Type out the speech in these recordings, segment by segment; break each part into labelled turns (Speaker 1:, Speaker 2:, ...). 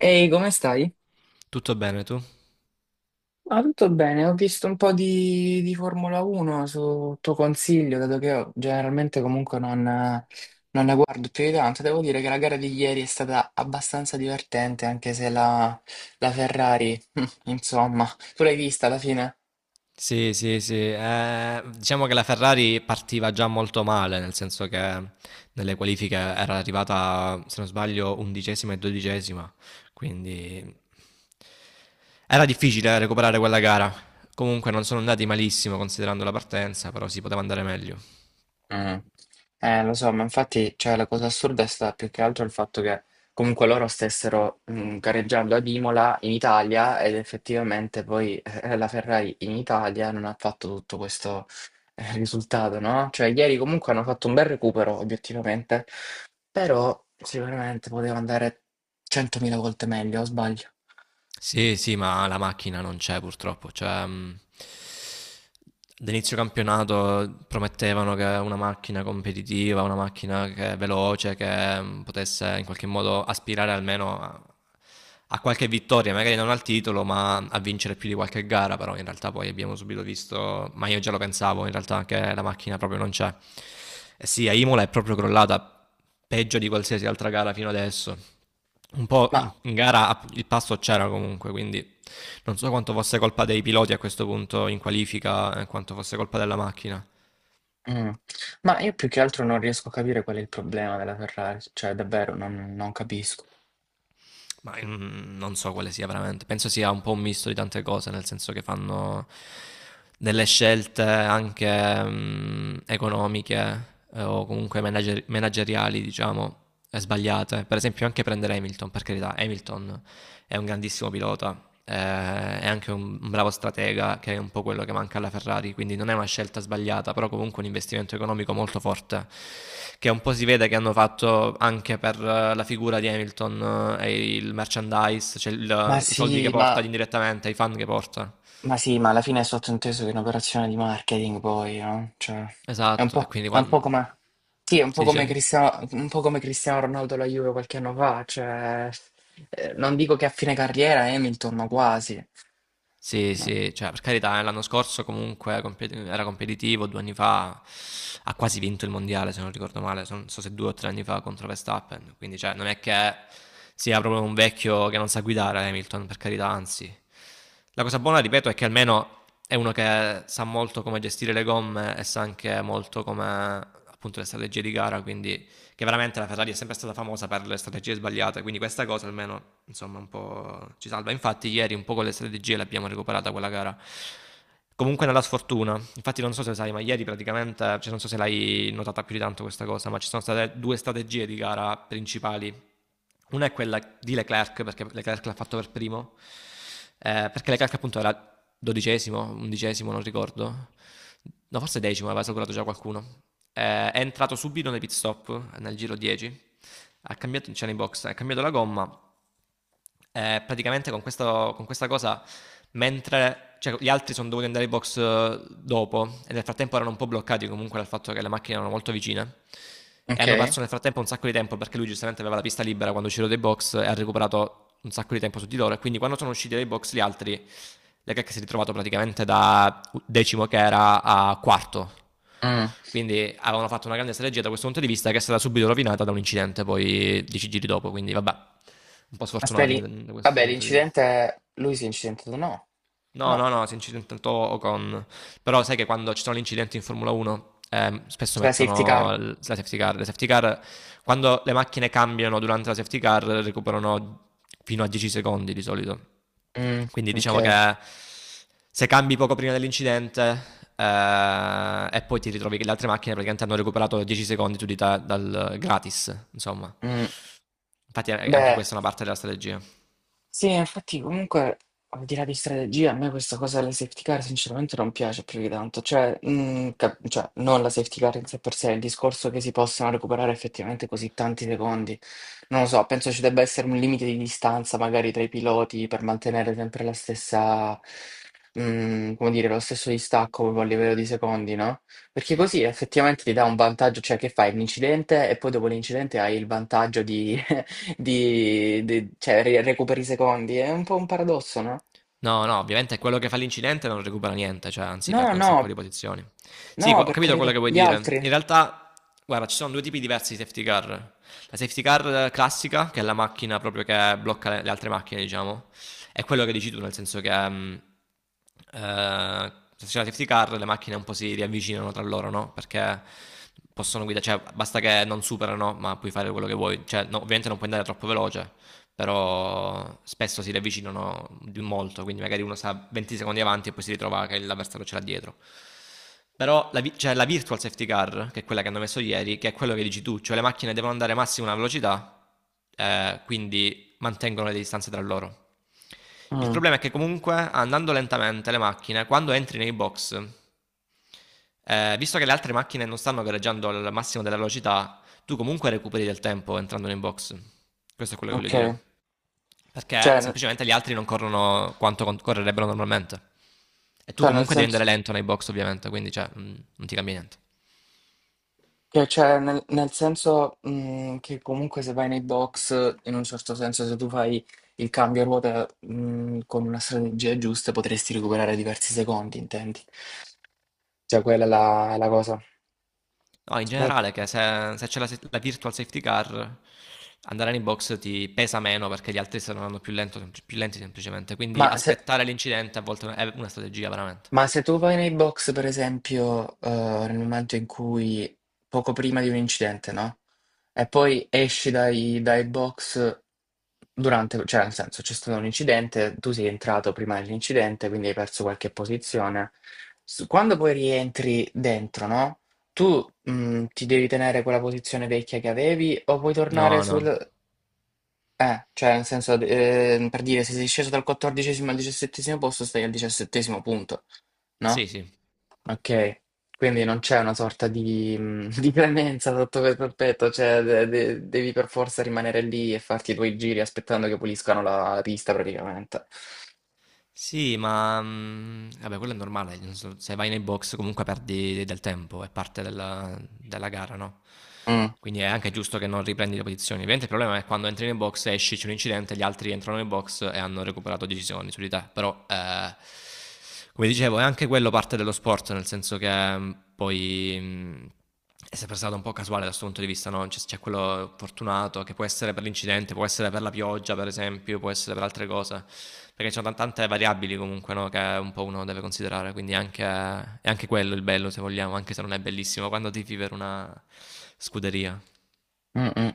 Speaker 1: Ehi, come stai?
Speaker 2: Tutto bene tu?
Speaker 1: Ah, tutto bene, ho visto un po' di Formula 1 su tuo consiglio, dato che io generalmente comunque non ne guardo più di tanto. Devo dire che la gara di ieri è stata abbastanza divertente, anche se la Ferrari, insomma, tu l'hai vista alla fine?
Speaker 2: Sì, sì, sì. Diciamo che la Ferrari partiva già molto male, nel senso che nelle qualifiche era arrivata, se non sbaglio, 11ª e 12ª, quindi era difficile recuperare quella gara. Comunque non sono andati malissimo considerando la partenza, però si poteva andare meglio.
Speaker 1: Mm. Lo so, ma infatti, cioè, la cosa assurda è stata più che altro il fatto che comunque loro stessero gareggiando ad Imola in Italia ed effettivamente poi la Ferrari in Italia non ha fatto tutto questo risultato, no? Cioè, ieri comunque hanno fatto un bel recupero, obiettivamente, però sicuramente poteva andare 100.000 volte meglio, o sbaglio.
Speaker 2: Sì, sì, ma la macchina non c'è purtroppo. Cioè, ad inizio campionato promettevano che una macchina competitiva, una macchina che è veloce, che potesse in qualche modo aspirare almeno a, a qualche vittoria, magari non al titolo, ma a vincere più di qualche gara. Però in realtà poi abbiamo subito visto, ma io già lo pensavo, in realtà che la macchina proprio non c'è. E sì, a Imola è proprio crollata peggio di qualsiasi altra gara fino adesso, un po'
Speaker 1: Ma,
Speaker 2: in gara il passo c'era comunque, quindi non so quanto fosse colpa dei piloti a questo punto in qualifica, quanto fosse colpa della macchina.
Speaker 1: mm, ma io più che altro non riesco a capire qual è il problema della Ferrari, cioè davvero non capisco.
Speaker 2: Ma non so quale sia veramente. Penso sia un po' un misto di tante cose, nel senso che fanno delle scelte anche economiche, o comunque manageriali, diciamo, sbagliate. Per esempio anche prendere Hamilton, per carità, Hamilton è un grandissimo pilota, è anche un bravo stratega, che è un po' quello che manca alla Ferrari, quindi non è una scelta sbagliata, però comunque un investimento economico molto forte, che un po' si vede che hanno fatto anche per, la figura di Hamilton, e il merchandise, cioè
Speaker 1: Ma
Speaker 2: i soldi che
Speaker 1: sì, ma,
Speaker 2: porta indirettamente, i fan che porta.
Speaker 1: ma sì, ma alla fine è sottointeso che è un'operazione di marketing poi, no? Cioè,
Speaker 2: Esatto, e quindi
Speaker 1: è un po'
Speaker 2: quando...
Speaker 1: come, sì, è un po'
Speaker 2: Si
Speaker 1: come
Speaker 2: dicevi?
Speaker 1: Cristiano, un po' come Cristiano Ronaldo alla Juve qualche anno fa, cioè, non dico che a fine carriera è Hamilton, ma quasi.
Speaker 2: Sì,
Speaker 1: No.
Speaker 2: sì, cioè per carità, l'anno scorso comunque era competitivo, 2 anni fa ha quasi vinto il mondiale, se non ricordo male, non so se 2 o 3 anni fa contro Verstappen, quindi cioè, non è che sia proprio un vecchio che non sa guidare Hamilton, per carità, anzi. La cosa buona, ripeto, è che almeno è uno che sa molto come gestire le gomme e sa anche molto come, appunto, le strategie di gara, quindi, che veramente la Ferrari è sempre stata famosa per le strategie sbagliate, quindi questa cosa almeno insomma un po' ci salva. Infatti ieri un po' con le strategie l'abbiamo recuperata quella gara. Comunque nella sfortuna, infatti non so se sai, ma ieri praticamente, cioè non so se l'hai notata più di tanto questa cosa, ma ci sono state due strategie di gara principali. Una è quella di Leclerc, perché Leclerc l'ha fatto per primo, perché le calche appunto era 12º, 11º, non ricordo, no forse 10º, aveva salvato già qualcuno. È entrato subito nei pit stop nel giro 10, ha cambiato, cioè nei box, ha cambiato la gomma. Praticamente con questa cosa, mentre, cioè, gli altri sono dovuti andare ai box, dopo, e nel frattempo erano un po' bloccati comunque dal fatto che le macchine erano molto vicine e hanno
Speaker 1: Ok?
Speaker 2: perso nel frattempo un sacco di tempo perché lui giustamente aveva la pista libera quando uscirò dai box e ha recuperato un sacco di tempo su di loro, e quindi quando sono usciti dai box gli altri, Leclerc si è ritrovato praticamente da 10º che era a quarto,
Speaker 1: Mm.
Speaker 2: quindi avevano fatto una grande strategia da questo punto di vista, che è stata subito rovinata da un incidente poi 10 giri dopo, quindi vabbè, un po' sfortunati
Speaker 1: Aspetti,
Speaker 2: da questo
Speaker 1: vabbè,
Speaker 2: punto di vista.
Speaker 1: l'incidente, lui si è incidentato, no?
Speaker 2: No, no,
Speaker 1: No,
Speaker 2: no, si è incidentato Ocon. Però sai che quando ci sono gli incidenti in Formula 1, spesso
Speaker 1: c'era la safety car.
Speaker 2: mettono la safety car. Le safety car, quando le macchine cambiano durante la safety car, recuperano fino a 10 secondi di solito.
Speaker 1: Mm,
Speaker 2: Quindi
Speaker 1: ok.
Speaker 2: diciamo che se cambi poco prima dell'incidente, e poi ti ritrovi che le altre macchine praticamente hanno recuperato 10 secondi, tu di dal gratis, insomma.
Speaker 1: Mm.
Speaker 2: Infatti, anche
Speaker 1: Beh.
Speaker 2: questa è una parte della strategia.
Speaker 1: Sì, infatti comunque al di là di strategia, a me questa cosa delle safety car sinceramente non piace più di tanto, cioè, cioè, non la safety car in sé per sé, il discorso che si possano recuperare effettivamente così tanti secondi, non lo so, penso ci debba essere un limite di distanza magari tra i piloti per mantenere sempre la stessa, come dire, lo stesso distacco proprio a livello di secondi, no? Perché così effettivamente ti dà un vantaggio, cioè che fai l'incidente e poi dopo l'incidente hai il vantaggio cioè, recuperi i secondi. È un po' un paradosso, no?
Speaker 2: No, no, ovviamente quello che fa l'incidente non recupera niente, cioè anzi
Speaker 1: No,
Speaker 2: perde un sacco
Speaker 1: no,
Speaker 2: di posizioni. Sì,
Speaker 1: no,
Speaker 2: ho
Speaker 1: per
Speaker 2: capito quello
Speaker 1: carità,
Speaker 2: che vuoi
Speaker 1: gli
Speaker 2: dire. In
Speaker 1: altri.
Speaker 2: realtà, guarda, ci sono due tipi diversi di safety car. La safety car classica, che è la macchina proprio che blocca le altre macchine, diciamo, è quello che dici tu, nel senso che, se c'è la safety car le macchine un po' si riavvicinano tra loro, no? Perché possono guidare, cioè basta che non superano, ma puoi fare quello che vuoi. Cioè, no, ovviamente non puoi andare troppo veloce, però spesso si riavvicinano di molto, quindi magari uno sta 20 secondi avanti e poi si ritrova che l'avversario ce l'ha dietro. Però c'è la virtual safety car, che è quella che hanno messo ieri, che è quello che dici tu, cioè le macchine devono andare massimo a una velocità, quindi mantengono le distanze tra loro. Il
Speaker 1: Mm,
Speaker 2: problema è che comunque, andando lentamente le macchine, quando entri nei box, visto che le altre macchine non stanno gareggiando al massimo della velocità, tu comunque recuperi del tempo entrando nei box. Questo è quello che voglio
Speaker 1: ok.
Speaker 2: dire. Perché
Speaker 1: Cioè,
Speaker 2: semplicemente gli altri non corrono quanto correrebbero normalmente. E tu
Speaker 1: cioè, nel
Speaker 2: comunque devi
Speaker 1: senso,
Speaker 2: andare lento nei box, ovviamente, quindi, cioè, non ti cambia niente.
Speaker 1: cioè, nel senso, che comunque se vai nei box, in un certo senso, se tu fai il cambio a ruota, con una strategia giusta, potresti recuperare diversi secondi, intendi? Cioè, quella è la cosa.
Speaker 2: No, in
Speaker 1: La-
Speaker 2: generale, che se c'è la, la virtual safety car, andare nei box ti pesa meno perché gli altri stanno andando più lenti semplicemente. Quindi
Speaker 1: Ma se,
Speaker 2: aspettare l'incidente a volte è una strategia veramente.
Speaker 1: Ma se tu vai nei box, per esempio, nel momento in cui, poco prima di un incidente, no? E poi esci dai box durante, cioè nel senso c'è stato un incidente, tu sei entrato prima dell'incidente, quindi hai perso qualche posizione. Quando poi rientri dentro, no? Tu ti devi tenere quella posizione vecchia che avevi o puoi tornare
Speaker 2: No, no.
Speaker 1: sul... cioè nel senso, per dire, se sei sceso dal quattordicesimo al diciassettesimo posto, stai al diciassettesimo punto,
Speaker 2: Sì,
Speaker 1: no?
Speaker 2: sì.
Speaker 1: Ok, quindi non c'è una sorta di, di clemenza sotto questo aspetto, cioè devi per forza rimanere lì e farti i tuoi giri aspettando che puliscano la pista praticamente.
Speaker 2: Sì, ma vabbè, quello è normale. Nel senso, se vai nei box comunque perdi del tempo, è parte della gara, no?
Speaker 1: Mm,
Speaker 2: Quindi è anche giusto che non riprendi le posizioni. Ovviamente il problema è quando entri nei box, esci, c'è un incidente, gli altri entrano nei box e hanno recuperato decisioni su di te. Però, come dicevo, è anche quello parte dello sport, nel senso che, poi è sempre stato un po' casuale da questo punto di vista, no? C'è quello fortunato, che può essere per l'incidente, può essere per la pioggia, per esempio, può essere per altre cose, perché ci sono tante variabili comunque, no? Che un po' uno deve considerare, quindi è anche quello il bello, se vogliamo, anche se non è bellissimo, quando tifi per una scuderia.
Speaker 1: mm, mm.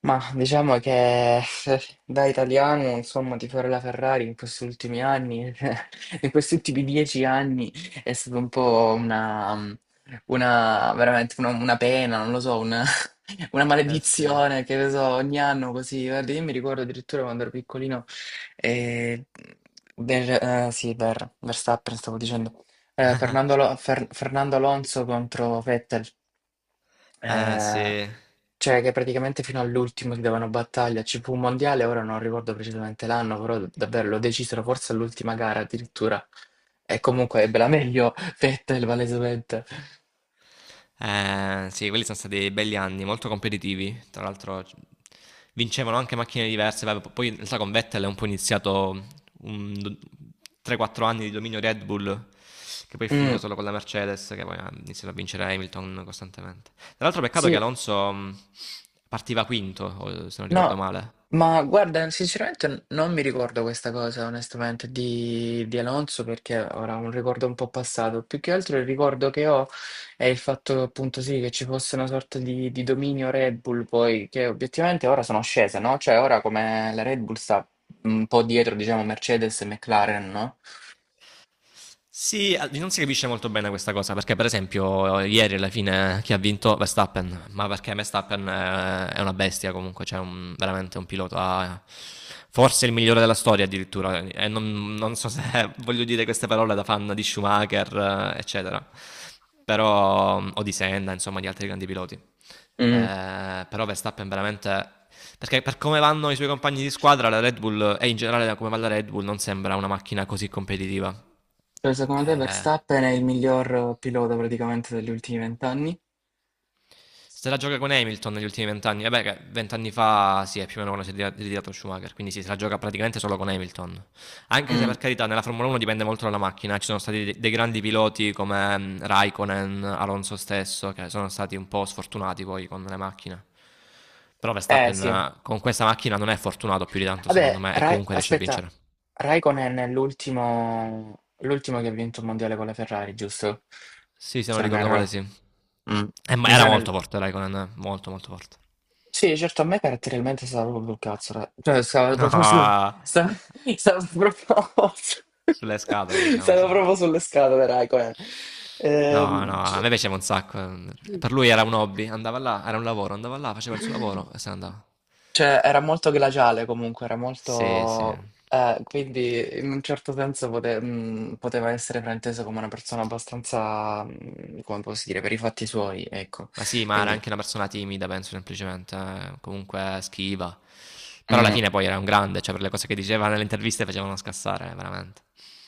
Speaker 1: Ma diciamo che da italiano, insomma, tifare la Ferrari in questi ultimi anni, in questi ultimi dieci anni è stato un po' una veramente una pena, non lo so, una, una
Speaker 2: Eh sì.
Speaker 1: maledizione che ne so, ogni anno così. Guarda, io mi ricordo addirittura quando ero piccolino, eh, sì, Verstappen stavo dicendo, Fernando, Fernando Alonso contro Vettel.
Speaker 2: Eh
Speaker 1: Ehm,
Speaker 2: sì.
Speaker 1: cioè che praticamente fino all'ultimo si davano battaglia. Ci fu un mondiale, ora non ricordo precisamente l'anno, però davvero lo decisero forse all'ultima gara addirittura. E comunque ebbe la meglio Vettel, palesemente.
Speaker 2: Sì, quelli sono stati belli anni, molto competitivi. Tra l'altro vincevano anche macchine diverse. Vabbè, poi in realtà con Vettel è un po' iniziato un do- 3-4 anni di dominio Red Bull, che poi è
Speaker 1: Mm,
Speaker 2: finito solo con la Mercedes, che poi ha iniziato a vincere Hamilton costantemente. Tra l'altro peccato che
Speaker 1: sì.
Speaker 2: Alonso partiva quinto, se non ricordo
Speaker 1: No,
Speaker 2: male.
Speaker 1: ma guarda, sinceramente non mi ricordo questa cosa, onestamente, di Alonso, perché ora ho un ricordo un po' passato. Più che altro il ricordo che ho è il fatto, appunto, sì, che ci fosse una sorta di dominio Red Bull, poi, che obiettivamente ora sono scese, no? Cioè, ora come la Red Bull sta un po' dietro, diciamo, Mercedes e McLaren, no?
Speaker 2: Sì, non si capisce molto bene questa cosa, perché per esempio ieri alla fine chi ha vinto Verstappen, ma perché Verstappen, è una bestia comunque, cioè veramente un pilota, forse il migliore della storia addirittura, e non so se voglio dire queste parole da fan di Schumacher, eccetera, però o di Senna, insomma di altri grandi piloti.
Speaker 1: Mm.
Speaker 2: Però Verstappen veramente. Perché per come vanno i suoi compagni di squadra, la Red Bull e in generale da come va la Red Bull, non sembra una macchina così competitiva.
Speaker 1: Cioè, secondo te
Speaker 2: Eh,
Speaker 1: Verstappen è il miglior pilota praticamente degli ultimi vent'anni?
Speaker 2: se la gioca con Hamilton negli ultimi vent'anni, vabbè, che vent'anni fa sì, è più o meno quando si è ritirato Schumacher, quindi sì, se la gioca praticamente solo con Hamilton. Anche se
Speaker 1: Mm.
Speaker 2: per carità nella Formula 1 dipende molto dalla macchina, ci sono stati dei grandi piloti come Raikkonen, Alonso stesso, che sono stati un po' sfortunati poi con le macchine. Però
Speaker 1: Eh
Speaker 2: Verstappen,
Speaker 1: sì,
Speaker 2: con questa macchina non è fortunato più di tanto, secondo
Speaker 1: vabbè,
Speaker 2: me, e comunque riesce a
Speaker 1: Aspetta,
Speaker 2: vincere.
Speaker 1: Raikkonen è l'ultimo che ha vinto il mondiale con la Ferrari, giusto?
Speaker 2: Sì, se
Speaker 1: Se
Speaker 2: non
Speaker 1: non
Speaker 2: ricordo male,
Speaker 1: erro.
Speaker 2: sì.
Speaker 1: Mm.
Speaker 2: Ma
Speaker 1: Mi
Speaker 2: era
Speaker 1: sa
Speaker 2: molto
Speaker 1: nel...
Speaker 2: forte Raikkonen, molto molto forte.
Speaker 1: Sì, certo, a me caratterialmente stava proprio sul cazzo, cioè stava
Speaker 2: No,
Speaker 1: proprio sul... sta- Stava, proprio...
Speaker 2: sulle scatole, diciamo,
Speaker 1: stava
Speaker 2: sì.
Speaker 1: proprio sulle scatole Raikkonen.
Speaker 2: No, no,
Speaker 1: Ehm,
Speaker 2: a
Speaker 1: cioè-
Speaker 2: me piaceva un sacco. Per lui era un hobby, andava là, era un lavoro, andava là, faceva il suo lavoro e se ne andava.
Speaker 1: Cioè, era molto glaciale comunque, era
Speaker 2: Sì, sì.
Speaker 1: molto... quindi in un certo senso poteva essere frainteso come una persona abbastanza, come posso dire, per i fatti suoi, ecco.
Speaker 2: Ma sì, ma era
Speaker 1: Quindi,
Speaker 2: anche una persona timida, penso semplicemente, comunque schiva. Però alla
Speaker 1: mm,
Speaker 2: fine poi era un grande, cioè per le cose che diceva nelle interviste facevano scassare, veramente.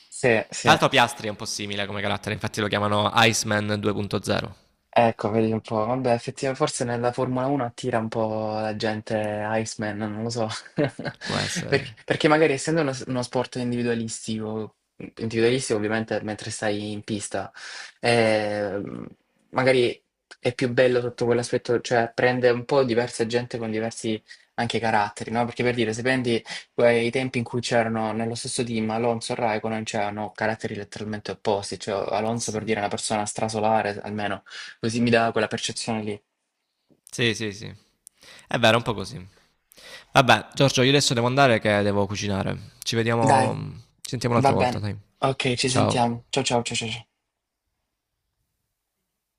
Speaker 1: sì, sì.
Speaker 2: Tra l'altro Piastri è un po' simile come carattere, infatti lo chiamano Iceman 2.0.
Speaker 1: Ecco, vedi un po', vabbè, effettivamente forse nella Formula 1 attira un po' la gente Iceman, non lo so,
Speaker 2: Può
Speaker 1: perché,
Speaker 2: essere,
Speaker 1: perché magari essendo uno sport individualistico, individualistico ovviamente mentre stai in pista, eh, magari è più bello sotto quell'aspetto, cioè prende un po' diversa gente con diversi anche caratteri, no? Perché per dire, se prendi i tempi in cui c'erano nello stesso team Alonso e Raikkonen, c'erano caratteri letteralmente opposti, cioè Alonso
Speaker 2: sì.
Speaker 1: per dire è una persona strasolare, almeno. Così mi dà quella percezione lì.
Speaker 2: Sì, sì, sì, sì. È vero, è un po' così. Vabbè, Giorgio, io adesso devo andare che devo cucinare. Ci
Speaker 1: Dai,
Speaker 2: vediamo, ci sentiamo
Speaker 1: va
Speaker 2: un'altra volta,
Speaker 1: bene.
Speaker 2: dai.
Speaker 1: Ok, ci
Speaker 2: Ciao.
Speaker 1: sentiamo. Ciao ciao ciao ciao. Ciao.